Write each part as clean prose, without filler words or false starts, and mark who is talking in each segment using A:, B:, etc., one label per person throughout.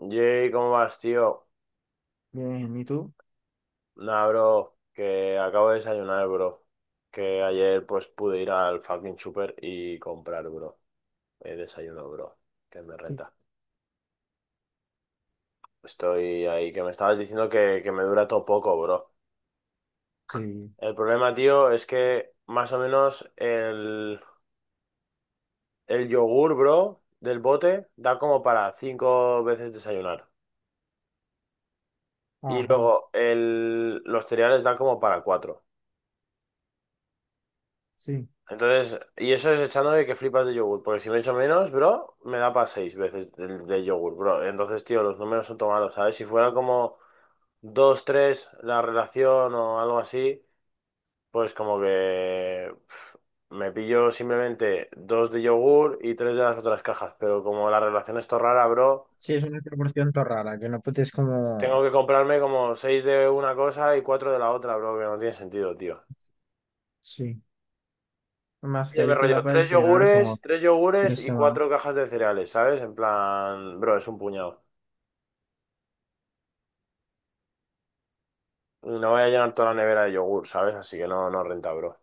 A: Jay, ¿cómo vas, tío?
B: Bien, ¿y tú?
A: Nah, bro, que acabo de desayunar, bro. Que ayer pues pude ir al fucking super y comprar, bro. El desayuno, bro. Que me renta. Estoy ahí, que me estabas diciendo que me dura todo poco, bro.
B: Sí.
A: El problema, tío, es que más o menos el yogur, bro, del bote da como para cinco veces desayunar. Y
B: Ajá.
A: luego los cereales da como para cuatro.
B: Sí.
A: Entonces, y eso es echándole que flipas de yogur, porque si me echo menos, bro, me da para seis veces del de yogur, bro. Entonces, tío, los números son tomados, ¿sabes? Si fuera como dos, tres la relación o algo así, pues como que me pillo simplemente dos de yogur y tres de las otras cajas, pero como la relación es todo rara, bro,
B: Sí, es una proporción todo rara, que no puedes
A: tengo
B: como...
A: que comprarme como seis de una cosa y cuatro de la otra, bro, que no tiene sentido, tío.
B: Sí. Más que
A: Oye, me
B: ahí te
A: rollo,
B: da para desayunar como
A: tres yogures
B: tres
A: y
B: semanas.
A: cuatro cajas de cereales, ¿sabes? En plan, bro, es un puñado. No voy a llenar toda la nevera de yogur, ¿sabes? Así que no, no renta, bro.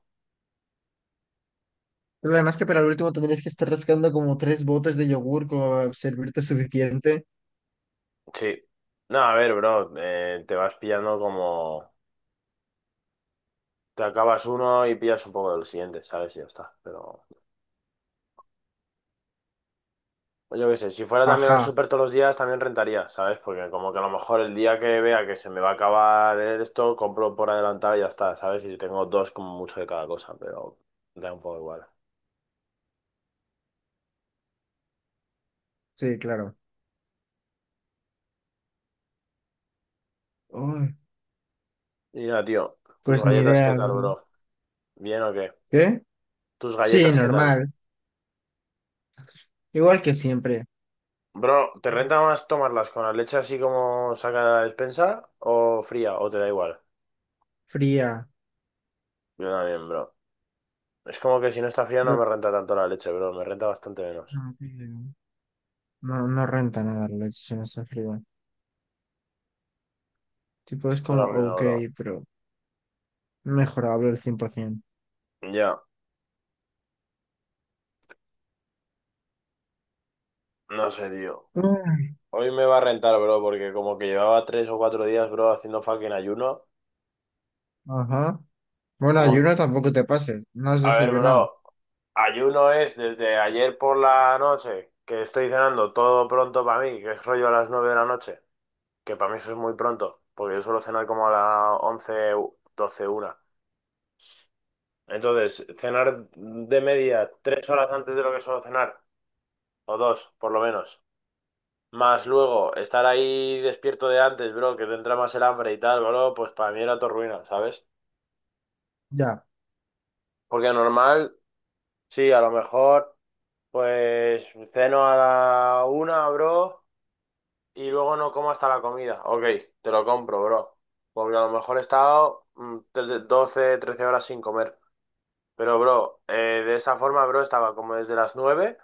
B: Pero además que para el último tendrías que estar rascando como tres botes de yogur como para servirte suficiente.
A: Sí. No, a ver, bro, te vas pillando como... Te acabas uno y pillas un poco del siguiente, ¿sabes? Y ya está. Pero yo qué sé, si fuera también al
B: Ajá,
A: súper todos los días, también rentaría, ¿sabes? Porque como que a lo mejor el día que vea que se me va a acabar esto, compro por adelantado y ya está, ¿sabes? Y tengo dos como mucho de cada cosa, pero da un poco igual.
B: sí, claro. Ay,
A: Mira, tío, tus
B: pues ni
A: galletas, ¿qué
B: idea,
A: tal,
B: bro.
A: bro? ¿Bien o qué?
B: ¿Qué?
A: ¿Tus
B: Sí,
A: galletas, qué tal?
B: normal. Igual que siempre.
A: Bro, ¿te renta más tomarlas con la leche así como saca de la despensa o fría o te da igual?
B: Fría.
A: Yo también, bro. Es como que si no está fría no
B: Bro,
A: me renta tanto la leche, bro. Me renta bastante menos.
B: no, no renta nada la leche si no está fría. Tipo, es
A: Esto lo
B: como,
A: arruina,
B: ok,
A: bro.
B: pero mejorable el 100%.
A: Ya, no sé, tío. Hoy me va a rentar, bro, porque como que llevaba 3 o 4 días, bro, haciendo fucking ayuno.
B: Ajá. Bueno,
A: Como,
B: ayuno tampoco te pases. No has
A: A ver,
B: desayunado.
A: bro, ayuno es desde ayer por la noche que estoy cenando todo pronto para mí, que es rollo a las 9 de la noche, que para mí eso es muy pronto, porque yo suelo cenar como a las once, doce, una. Entonces, cenar de media 3 horas antes de lo que suelo cenar, o dos, por lo menos. Más luego, estar ahí despierto de antes, bro, que te entra más el hambre y tal, bro, pues para mí era todo ruina, ¿sabes?
B: Ya,
A: Porque normal, sí, a lo mejor, pues ceno a la una, bro. Y luego no como hasta la comida. Ok, te lo compro, bro. Porque a lo mejor he estado 12, 13 horas sin comer. Pero, bro, de esa forma, bro, estaba como desde las 9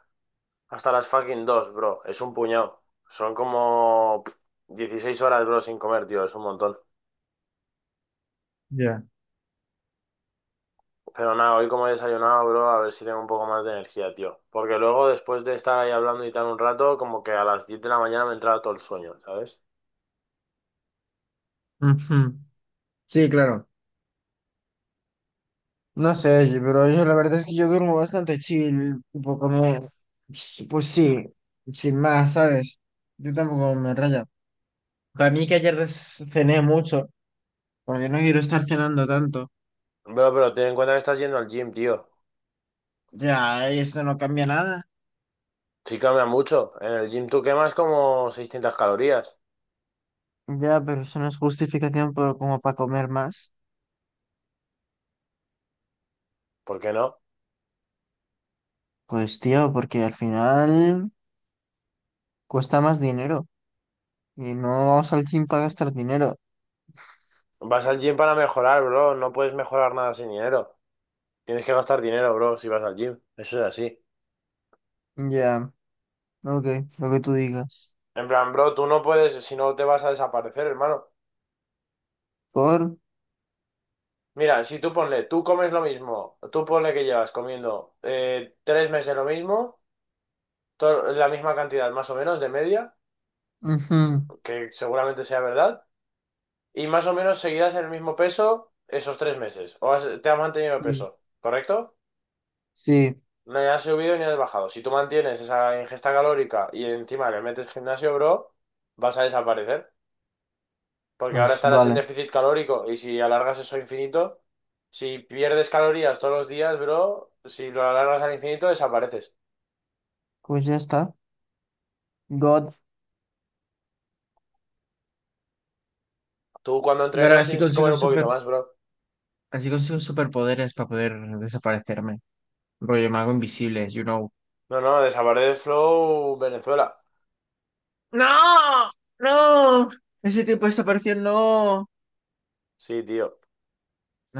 A: hasta las fucking 2, bro. Es un puñado. Son como 16 horas, bro, sin comer, tío. Es un montón.
B: ya.
A: Pero nada, hoy como he desayunado, bro, a ver si tengo un poco más de energía, tío. Porque luego, después de estar ahí hablando y tal un rato, como que a las 10 de la mañana me entraba todo el sueño, ¿sabes?
B: Ujú. Sí, claro. No sé, pero yo la verdad es que yo duermo bastante chill. Tipo, como... Pues sí, sin más, ¿sabes? Yo tampoco me raya. Para mí que ayer cené mucho, porque no quiero estar cenando tanto.
A: Bro, pero ten en cuenta que estás yendo al gym, tío.
B: Ya, eso no cambia nada.
A: Sí, cambia mucho. En el gym tú quemas como 600 calorías.
B: Ya, pero eso no es justificación por, como para comer más.
A: ¿Por qué no?
B: Pues tío, porque al final cuesta más dinero. Y no vamos al gym para gastar dinero.
A: Vas al gym para mejorar, bro. No puedes mejorar nada sin dinero. Tienes que gastar dinero, bro, si vas al gym. Eso es así.
B: Ya, ok, lo que tú digas.
A: En plan, bro, tú no puedes, si no te vas a desaparecer, hermano.
B: Por.
A: Mira, si tú ponle, tú comes lo mismo, tú ponle que llevas comiendo 3 meses lo mismo, la misma cantidad más o menos de media,
B: Ujú.
A: que seguramente sea verdad, y más o menos seguirás en el mismo peso esos 3 meses, o te has mantenido
B: Sí.
A: peso, ¿correcto?
B: Sí,
A: No has subido ni has bajado. Si tú mantienes esa ingesta calórica y encima le metes gimnasio, bro, vas a desaparecer. Porque ahora
B: pues
A: estarás en
B: vale.
A: déficit calórico y si alargas eso a infinito, si pierdes calorías todos los días, bro, si lo alargas al infinito, desapareces.
B: Pues ya está. God.
A: Tú cuando
B: Pero
A: entrenas
B: así
A: tienes que
B: consigo
A: comer un poquito más, bro.
B: así consigo superpoderes para poder desaparecerme. Rollo, me hago invisible, you know.
A: No, no, desaparece Flow Venezuela.
B: ¡No! ¡No! Ese tipo desapareció, no.
A: Sí, tío,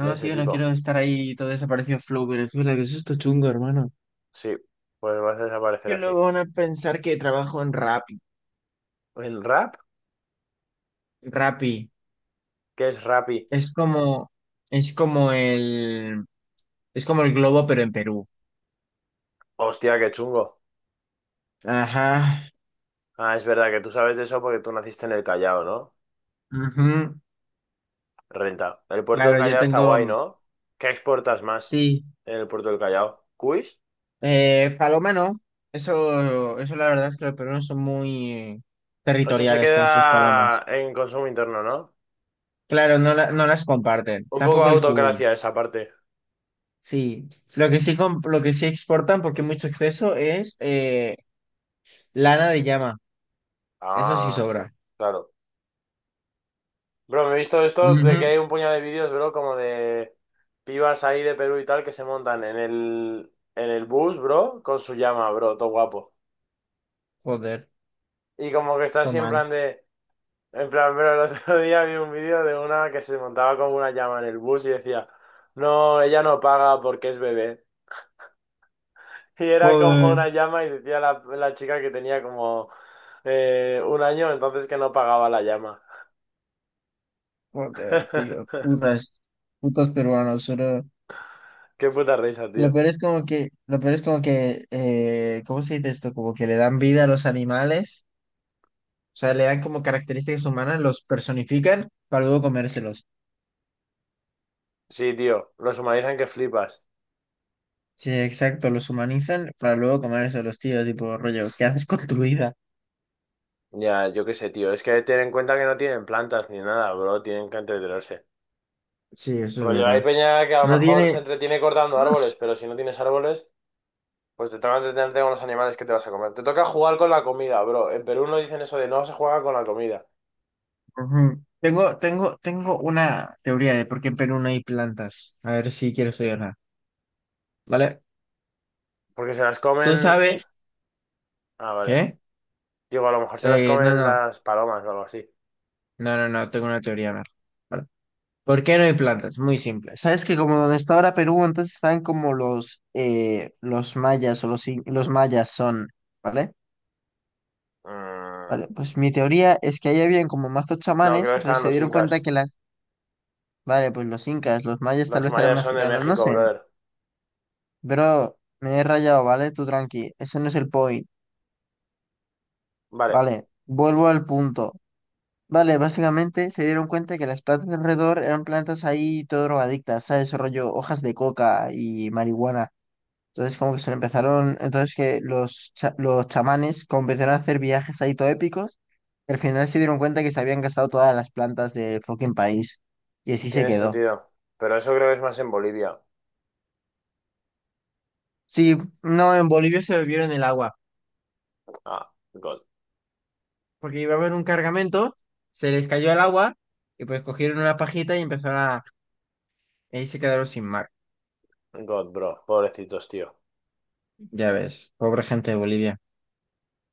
A: de ese
B: tío, no quiero
A: tipo.
B: estar ahí todo desaparecido Flow Venezuela, que eso es chungo, hermano.
A: Sí, pues vas a desaparecer
B: Que
A: así.
B: luego van a pensar que trabajo en Rappi.
A: ¿En rap?
B: Rappi.
A: ¿Qué es Rappi?
B: Es como, es como el, es como el globo, pero en Perú.
A: Hostia, qué chungo.
B: Ajá.
A: Ah, es verdad que tú sabes de eso porque tú naciste en el Callao, ¿no?
B: Ujú.
A: Renta. El puerto del
B: Claro, yo
A: Callao está
B: tengo,
A: guay, ¿no? ¿Qué exportas más
B: sí.
A: en el puerto del Callao? ¿Cuis?
B: Paloma no. Eso la verdad es que los peruanos son muy
A: Eso se
B: territoriales con sus palomas.
A: queda en consumo interno, ¿no?
B: Claro, no, no las comparten.
A: Un poco
B: Tampoco el cuy.
A: autocracia esa parte.
B: Sí. Lo que sí, lo que sí exportan, porque hay mucho exceso, es lana de llama. Eso sí
A: Ah,
B: sobra.
A: claro. Bro, me he visto esto
B: Ujú.
A: de que hay un puñado de vídeos, bro, como de pibas ahí de Perú y tal que se montan en el bus, bro, con su llama, bro, todo guapo.
B: Joder,
A: Y como que está
B: toma.
A: siempre en plan de... En plan, pero el otro día vi un vídeo de una que se montaba como una llama en el bus y decía, no, ella no paga porque es bebé. Y era como
B: Joder.
A: una llama y decía la chica que tenía como 1 año, entonces que no pagaba la llama.
B: Joder, tío. Putas. Putos peruanos.
A: Qué puta risa, tío.
B: Lo peor es como que, lo peor es como que, ¿cómo se dice esto? Como que le dan vida a los animales, o sea, le dan como características humanas, los personifican para luego comérselos.
A: Sí, tío, los humanizan que flipas.
B: Sí, exacto, los humanizan para luego comérselos, tío, tipo rollo, ¿qué haces con tu vida?
A: Ya, yo qué sé, tío. Es que ten en cuenta que no tienen plantas ni nada, bro. Tienen que entretenerse.
B: Sí, eso es
A: Rollo, hay
B: verdad.
A: peña que a lo
B: No
A: mejor
B: tiene...
A: se entretiene cortando árboles, pero si no tienes árboles... Pues te toca entretenerte con los animales que te vas a comer. Te toca jugar con la comida, bro. En Perú no dicen eso de no se juega con la comida.
B: Ujú. Tengo una teoría de por qué en Perú no hay plantas. A ver si quieres oírla. ¿Vale?
A: Porque se las
B: ¿Tú
A: comen.
B: sabes
A: Ah, vale.
B: qué?
A: Digo, a lo mejor se las
B: Eh, no,
A: comen
B: no,
A: las palomas o algo así.
B: no, tengo una teoría, Mar. ¿Por qué no hay plantas? Muy simple. Sabes que como donde está ahora Perú, antes están como los mayas o los, los mayas son, ¿vale?
A: Mm.
B: Vale, pues mi teoría es que ahí habían como mazos
A: No,
B: chamanes,
A: creo que
B: entonces
A: están
B: se
A: los
B: dieron cuenta
A: incas.
B: que las... Vale, pues los incas, los mayas tal
A: Los
B: vez eran
A: mayas son de
B: mexicanos, no
A: México,
B: sé,
A: brother.
B: pero me he rayado, ¿vale? Tú tranqui, ese no es el point,
A: Vale,
B: ¿vale? Vuelvo al punto. Vale, básicamente se dieron cuenta que las plantas de alrededor eran plantas ahí todo drogadictas, ¿sabes? Rollo hojas de coca y marihuana. Entonces como que se empezaron, entonces que los, los chamanes como empezaron a hacer viajes ahí todo épicos, y al final se dieron cuenta que se habían gastado todas las plantas del fucking país. Y así se
A: tiene
B: quedó.
A: sentido. Pero eso creo que es más en Bolivia.
B: Sí, no, en Bolivia se bebieron el agua,
A: Ah, God.
B: porque iba a haber un cargamento, se les cayó el agua y pues cogieron una pajita y empezaron a... y ahí se quedaron sin mar.
A: God, bro. Pobrecitos, tío.
B: Ya ves, pobre gente de Bolivia.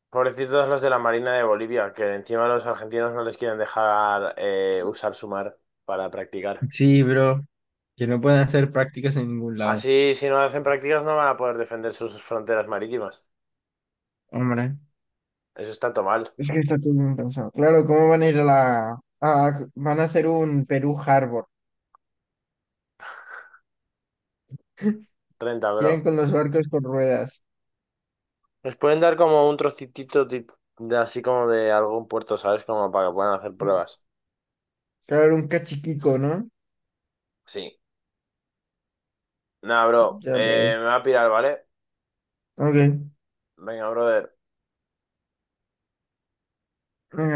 A: Pobrecitos los de la Marina de Bolivia, que encima los argentinos no les quieren dejar usar su mar para practicar.
B: Sí, bro, que no pueden hacer prácticas en ningún lado.
A: Así, si no hacen prácticas, no van a poder defender sus fronteras marítimas.
B: Hombre.
A: Eso es tanto mal.
B: Es que está todo bien pensado. Claro, ¿cómo van a ir a la... van a hacer un Perú Harbor.
A: Renta,
B: Llegan
A: bro.
B: con los barcos con ruedas.
A: Les pueden dar como un trocitito de así como de algún puerto, ¿sabes? Como para que puedan hacer
B: Mm,
A: pruebas.
B: claro, un cachiquico, ¿no?
A: Sí. Nada, bro.
B: Ya ves.
A: Me va a pirar, ¿vale?
B: Ok.
A: Venga, brother.
B: Venga,